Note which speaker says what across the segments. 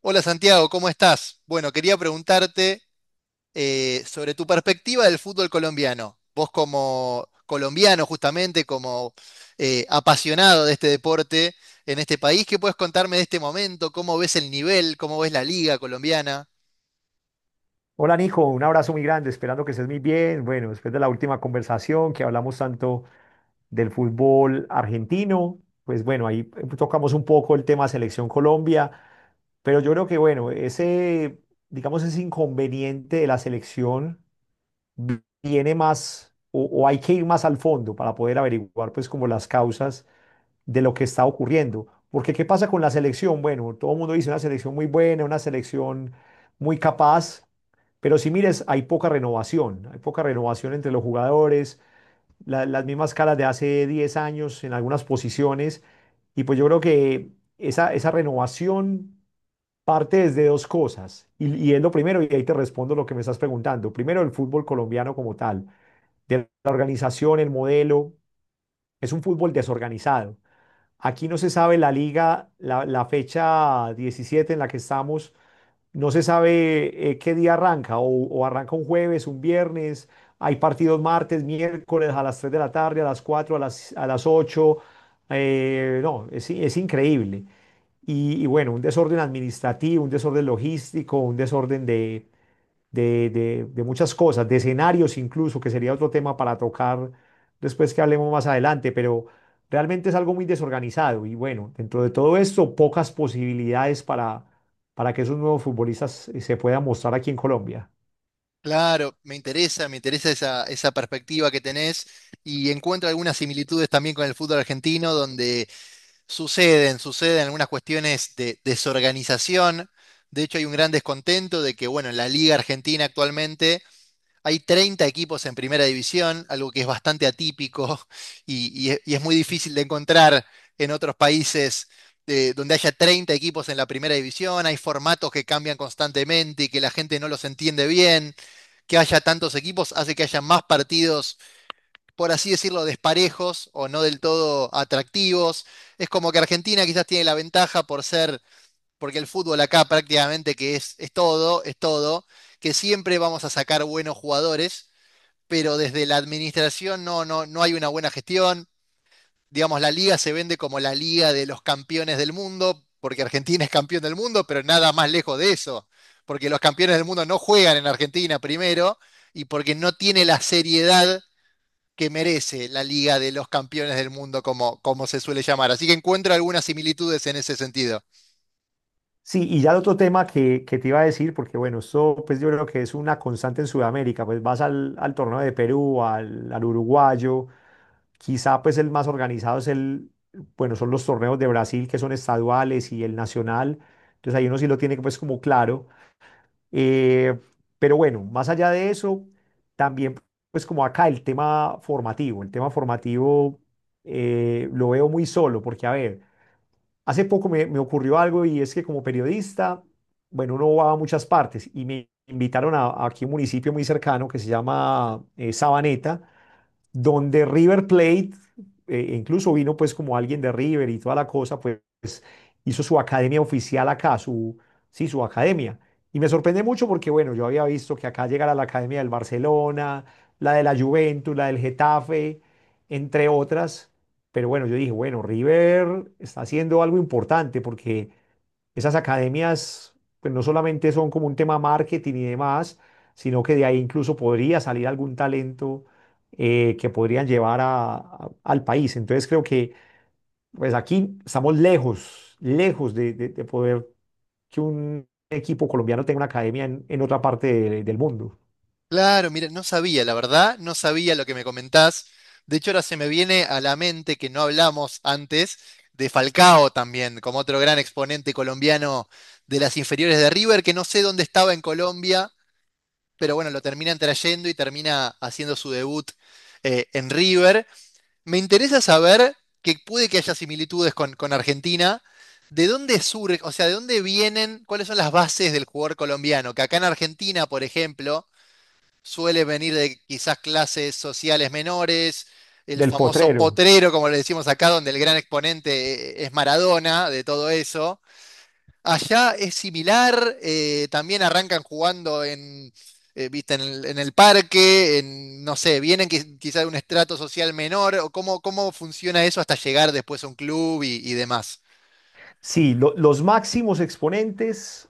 Speaker 1: Hola Santiago, ¿cómo estás? Bueno, quería preguntarte sobre tu perspectiva del fútbol colombiano. Vos como colombiano, justamente, como apasionado de este deporte en este país, ¿qué puedes contarme de este momento? ¿Cómo ves el nivel? ¿Cómo ves la liga colombiana?
Speaker 2: Hola Nico, un abrazo muy grande, esperando que estés muy bien. Bueno, después de la última conversación que hablamos tanto del fútbol argentino, pues bueno, ahí tocamos un poco el tema Selección Colombia, pero yo creo que bueno, ese, digamos, ese inconveniente de la selección viene más o hay que ir más al fondo para poder averiguar pues como las causas de lo que está ocurriendo. Porque ¿qué pasa con la selección? Bueno, todo el mundo dice una selección muy buena, una selección muy capaz, pero si mires, hay poca renovación entre los jugadores, las mismas caras de hace 10 años en algunas posiciones. Y pues yo creo que esa renovación parte desde dos cosas. Y es lo primero, y ahí te respondo lo que me estás preguntando. Primero, el fútbol colombiano como tal, de la organización, el modelo, es un fútbol desorganizado. Aquí no se sabe la liga, la fecha 17 en la que estamos, no se sabe qué día arranca, o arranca un jueves, un viernes, hay partidos martes, miércoles, a las 3 de la tarde, a las 4, a las 8, no, es increíble. Y bueno, un desorden administrativo, un desorden logístico, un desorden de muchas cosas, de escenarios incluso, que sería otro tema para tocar después que hablemos más adelante, pero realmente es algo muy desorganizado y bueno, dentro de todo esto, pocas posibilidades para que esos nuevos futbolistas se puedan mostrar aquí en Colombia.
Speaker 1: Claro, me interesa esa, esa perspectiva que tenés y encuentro algunas similitudes también con el fútbol argentino, donde suceden algunas cuestiones de desorganización. De hecho, hay un gran descontento de que, bueno, en la Liga Argentina actualmente hay 30 equipos en primera división, algo que es bastante atípico y es muy difícil de encontrar en otros países donde haya 30 equipos en la primera división. Hay formatos que cambian constantemente y que la gente no los entiende bien. Que haya tantos equipos hace que haya más partidos, por así decirlo, desparejos o no del todo atractivos. Es como que Argentina quizás tiene la ventaja por ser, porque el fútbol acá prácticamente que es todo, que siempre vamos a sacar buenos jugadores, pero desde la administración no hay una buena gestión. Digamos, la liga se vende como la liga de los campeones del mundo, porque Argentina es campeón del mundo, pero nada más lejos de eso, porque los campeones del mundo no juegan en Argentina primero y porque no tiene la seriedad que merece la Liga de los Campeones del Mundo, como, como se suele llamar. Así que encuentro algunas similitudes en ese sentido.
Speaker 2: Sí, y ya el otro tema que te iba a decir, porque bueno, esto pues yo creo que es una constante en Sudamérica, pues vas al torneo de Perú, al uruguayo. Quizá pues el más organizado bueno, son los torneos de Brasil, que son estaduales y el nacional. Entonces ahí uno sí lo tiene pues como claro. Eh, pero bueno, más allá de eso, también pues como acá el tema formativo, el tema formativo, lo veo muy solo porque a ver, hace poco me ocurrió algo, y es que como periodista, bueno, uno va a muchas partes y me invitaron a aquí un municipio muy cercano que se llama Sabaneta, donde River Plate, incluso vino pues como alguien de River y toda la cosa, pues hizo su academia oficial acá, sí, su academia. Y me sorprende mucho porque, bueno, yo había visto que acá llegara la academia del Barcelona, la de la Juventus, la del Getafe, entre otras. Pero bueno, yo dije, bueno, River está haciendo algo importante porque esas academias pues no solamente son como un tema marketing y demás, sino que de ahí incluso podría salir algún talento que podrían llevar al país. Entonces creo que pues aquí estamos lejos, lejos de poder que un equipo colombiano tenga una academia en otra parte del mundo.
Speaker 1: Claro, mira, no sabía, la verdad, no sabía lo que me comentás. De hecho, ahora se me viene a la mente que no hablamos antes de Falcao también, como otro gran exponente colombiano de las inferiores de River, que no sé dónde estaba en Colombia, pero bueno, lo terminan trayendo y termina haciendo su debut en River. Me interesa saber que puede que haya similitudes con Argentina. ¿De dónde surge, o sea, de dónde vienen, cuáles son las bases del jugador colombiano? Que acá en Argentina, por ejemplo, suele venir de quizás clases sociales menores, el
Speaker 2: Del
Speaker 1: famoso
Speaker 2: potrero.
Speaker 1: potrero, como le decimos acá, donde el gran exponente es Maradona, de todo eso. Allá es similar, también arrancan jugando en, viste, en el parque, en, no sé, vienen quizás de un estrato social menor, o cómo, cómo funciona eso hasta llegar después a un club y demás.
Speaker 2: Sí, los máximos exponentes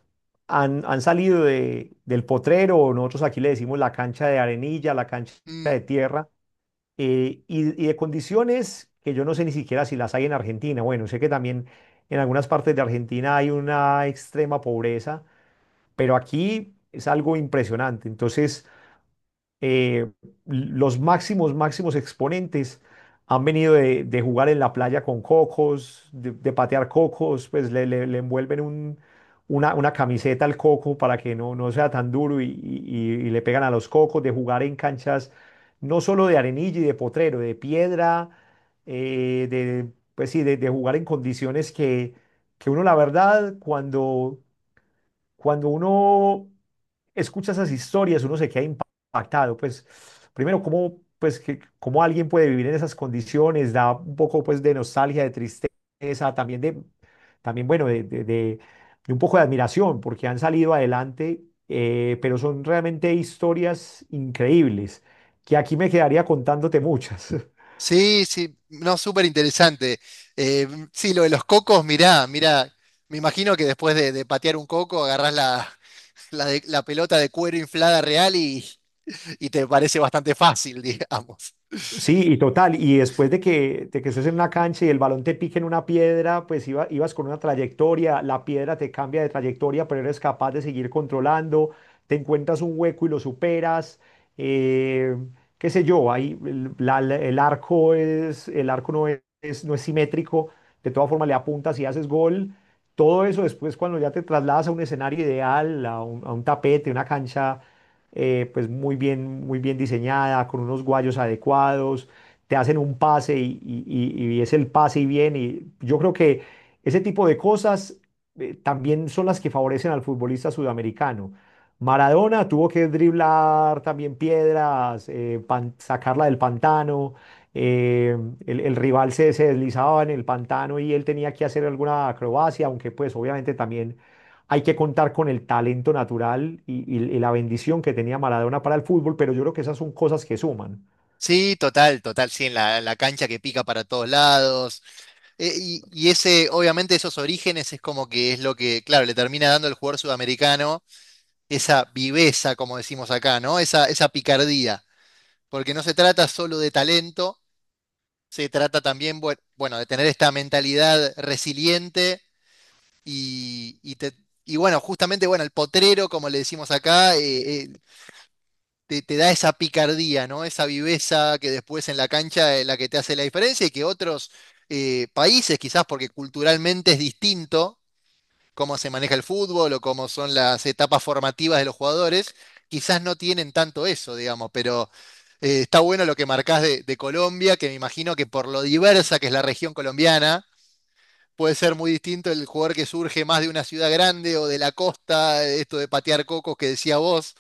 Speaker 2: han salido del potrero, o nosotros aquí le decimos la cancha de arenilla, la cancha
Speaker 1: Mm,
Speaker 2: de tierra, y de condiciones que yo no sé ni siquiera si las hay en Argentina. Bueno, sé que también en algunas partes de Argentina hay una extrema pobreza, pero aquí es algo impresionante. Entonces, eh, los máximos, máximos exponentes han venido de jugar en la playa con cocos, de patear cocos. Pues le envuelven una camiseta al coco para que no sea tan duro, y y le pegan a los cocos, de jugar en canchas no solo de arenilla y de potrero, de piedra, pues sí, de jugar en condiciones que uno la verdad cuando uno escucha esas historias, uno se queda impactado. Pues primero, cómo, pues, cómo alguien puede vivir en esas condiciones, da un poco pues de nostalgia, de tristeza, también bueno, de un poco de admiración, porque han salido adelante, pero son realmente historias increíbles, que aquí me quedaría contándote muchas.
Speaker 1: sí, sí, no, súper interesante. Eh, sí, lo de los cocos, mirá, mirá, me imagino que después de patear un coco agarrás la, la pelota de cuero inflada real y te parece bastante fácil, digamos.
Speaker 2: Sí, y total. Y después de que estés en una cancha y el balón te pique en una piedra, pues ibas con una trayectoria, la piedra te cambia de trayectoria, pero eres capaz de seguir controlando, te encuentras un hueco y lo superas. Eh, qué sé yo. Ahí el arco no es simétrico, de todas formas le apuntas y haces gol. Todo eso después cuando ya te trasladas a un escenario ideal, a un tapete, una cancha pues muy bien diseñada, con unos guayos adecuados, te hacen un pase y es el pase y bien. Y yo creo que ese tipo de cosas también son las que favorecen al futbolista sudamericano. Maradona tuvo que driblar también piedras, sacarla del pantano. eh, el rival se deslizaba en el pantano y él tenía que hacer alguna acrobacia, aunque pues obviamente también hay que contar con el talento natural y la bendición que tenía Maradona para el fútbol, pero yo creo que esas son cosas que suman.
Speaker 1: Sí, total, total, sí, en la, la cancha que pica para todos lados. Y ese, obviamente, esos orígenes es como que es lo que, claro, le termina dando el jugador sudamericano esa viveza, como decimos acá, ¿no? Esa picardía. Porque no se trata solo de talento, se trata también, bueno, de tener esta mentalidad resiliente y, y te- y bueno, justamente, bueno, el potrero, como le decimos acá, te da esa picardía, ¿no? Esa viveza que después en la cancha es la que te hace la diferencia y que otros países, quizás porque culturalmente es distinto cómo se maneja el fútbol o cómo son las etapas formativas de los jugadores, quizás no tienen tanto eso, digamos, pero está bueno lo que marcás de Colombia, que me imagino que por lo diversa que es la región colombiana, puede ser muy distinto el jugador que surge más de una ciudad grande o de la costa, esto de patear cocos que decía vos.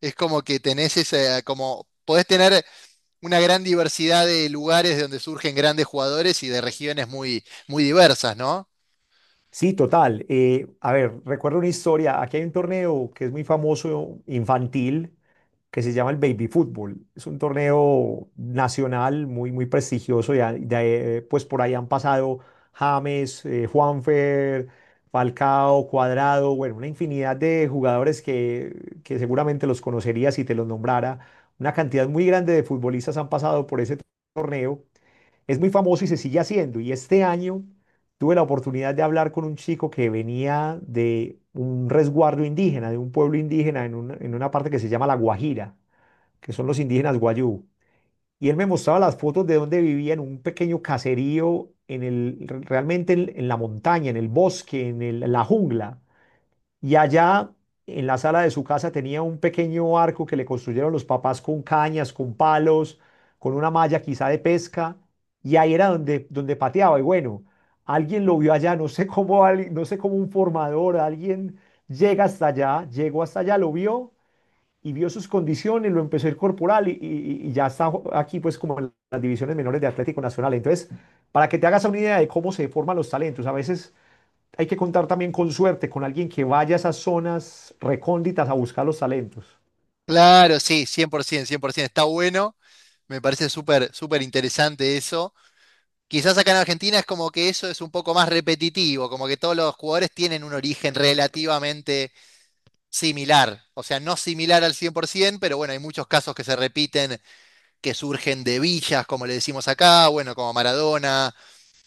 Speaker 1: Es como que tenés esa, como podés tener una gran diversidad de lugares de donde surgen grandes jugadores y de regiones muy, muy diversas, ¿no?
Speaker 2: Sí, total. Eh, a ver, recuerdo una historia. Aquí hay un torneo que es muy famoso, infantil, que se llama el Baby Fútbol. Es un torneo nacional muy, muy prestigioso. Y pues por ahí han pasado James, Juanfer, Falcao, Cuadrado, bueno, una infinidad de jugadores que seguramente los conocería si te los nombrara. Una cantidad muy grande de futbolistas han pasado por ese torneo. Es muy famoso y se sigue haciendo. Y este año tuve la oportunidad de hablar con un chico que venía de un resguardo indígena, de un pueblo indígena en una parte que se llama La Guajira, que son los indígenas Guayú. Y él me mostraba las fotos de donde vivía en un pequeño caserío, realmente en la montaña, en el bosque, la jungla. Y allá, en la sala de su casa, tenía un pequeño arco que le construyeron los papás con cañas, con palos, con una malla quizá de pesca. Y ahí era donde pateaba. Y bueno, alguien lo vio allá, no sé cómo, no sé cómo un formador, alguien llegó hasta allá, lo vio y vio sus condiciones, lo empezó a incorporar y ya está aquí pues como en las divisiones menores de Atlético Nacional. Entonces, para que te hagas una idea de cómo se forman los talentos, a veces hay que contar también con suerte, con alguien que vaya a esas zonas recónditas a buscar los talentos.
Speaker 1: Claro, sí, por ciento, cien por 100%, está bueno. Me parece súper, súper interesante eso. Quizás acá en Argentina es como que eso es un poco más repetitivo, como que todos los jugadores tienen un origen relativamente similar, o sea, no similar al 100%, pero bueno, hay muchos casos que se repiten, que surgen de villas, como le decimos acá, bueno, como Maradona,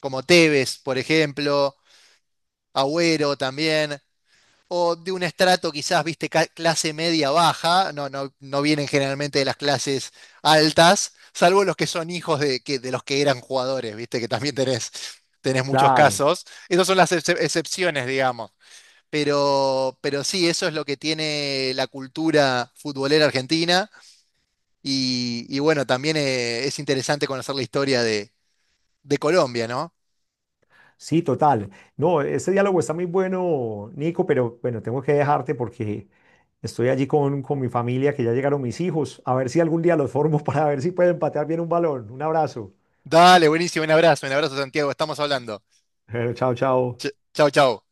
Speaker 1: como Tevez, por ejemplo, Agüero también, o de un estrato quizás, viste, clase media baja, no vienen generalmente de las clases altas, salvo los que son hijos de, que, de los que eran jugadores, viste, que también tenés, tenés muchos
Speaker 2: Claro,
Speaker 1: casos. Esas son las excepciones, digamos. Pero sí, eso es lo que tiene la cultura futbolera argentina. Y bueno, también es interesante conocer la historia de Colombia, ¿no?
Speaker 2: sí, total. No, este diálogo está muy bueno, Nico, pero bueno, tengo que dejarte porque estoy allí con mi familia, que ya llegaron mis hijos. A ver si algún día los formo para ver si pueden patear bien un balón. Un abrazo.
Speaker 1: Dale, buenísimo, un abrazo Santiago, estamos hablando.
Speaker 2: Bueno, chao, chao.
Speaker 1: Chau, chau.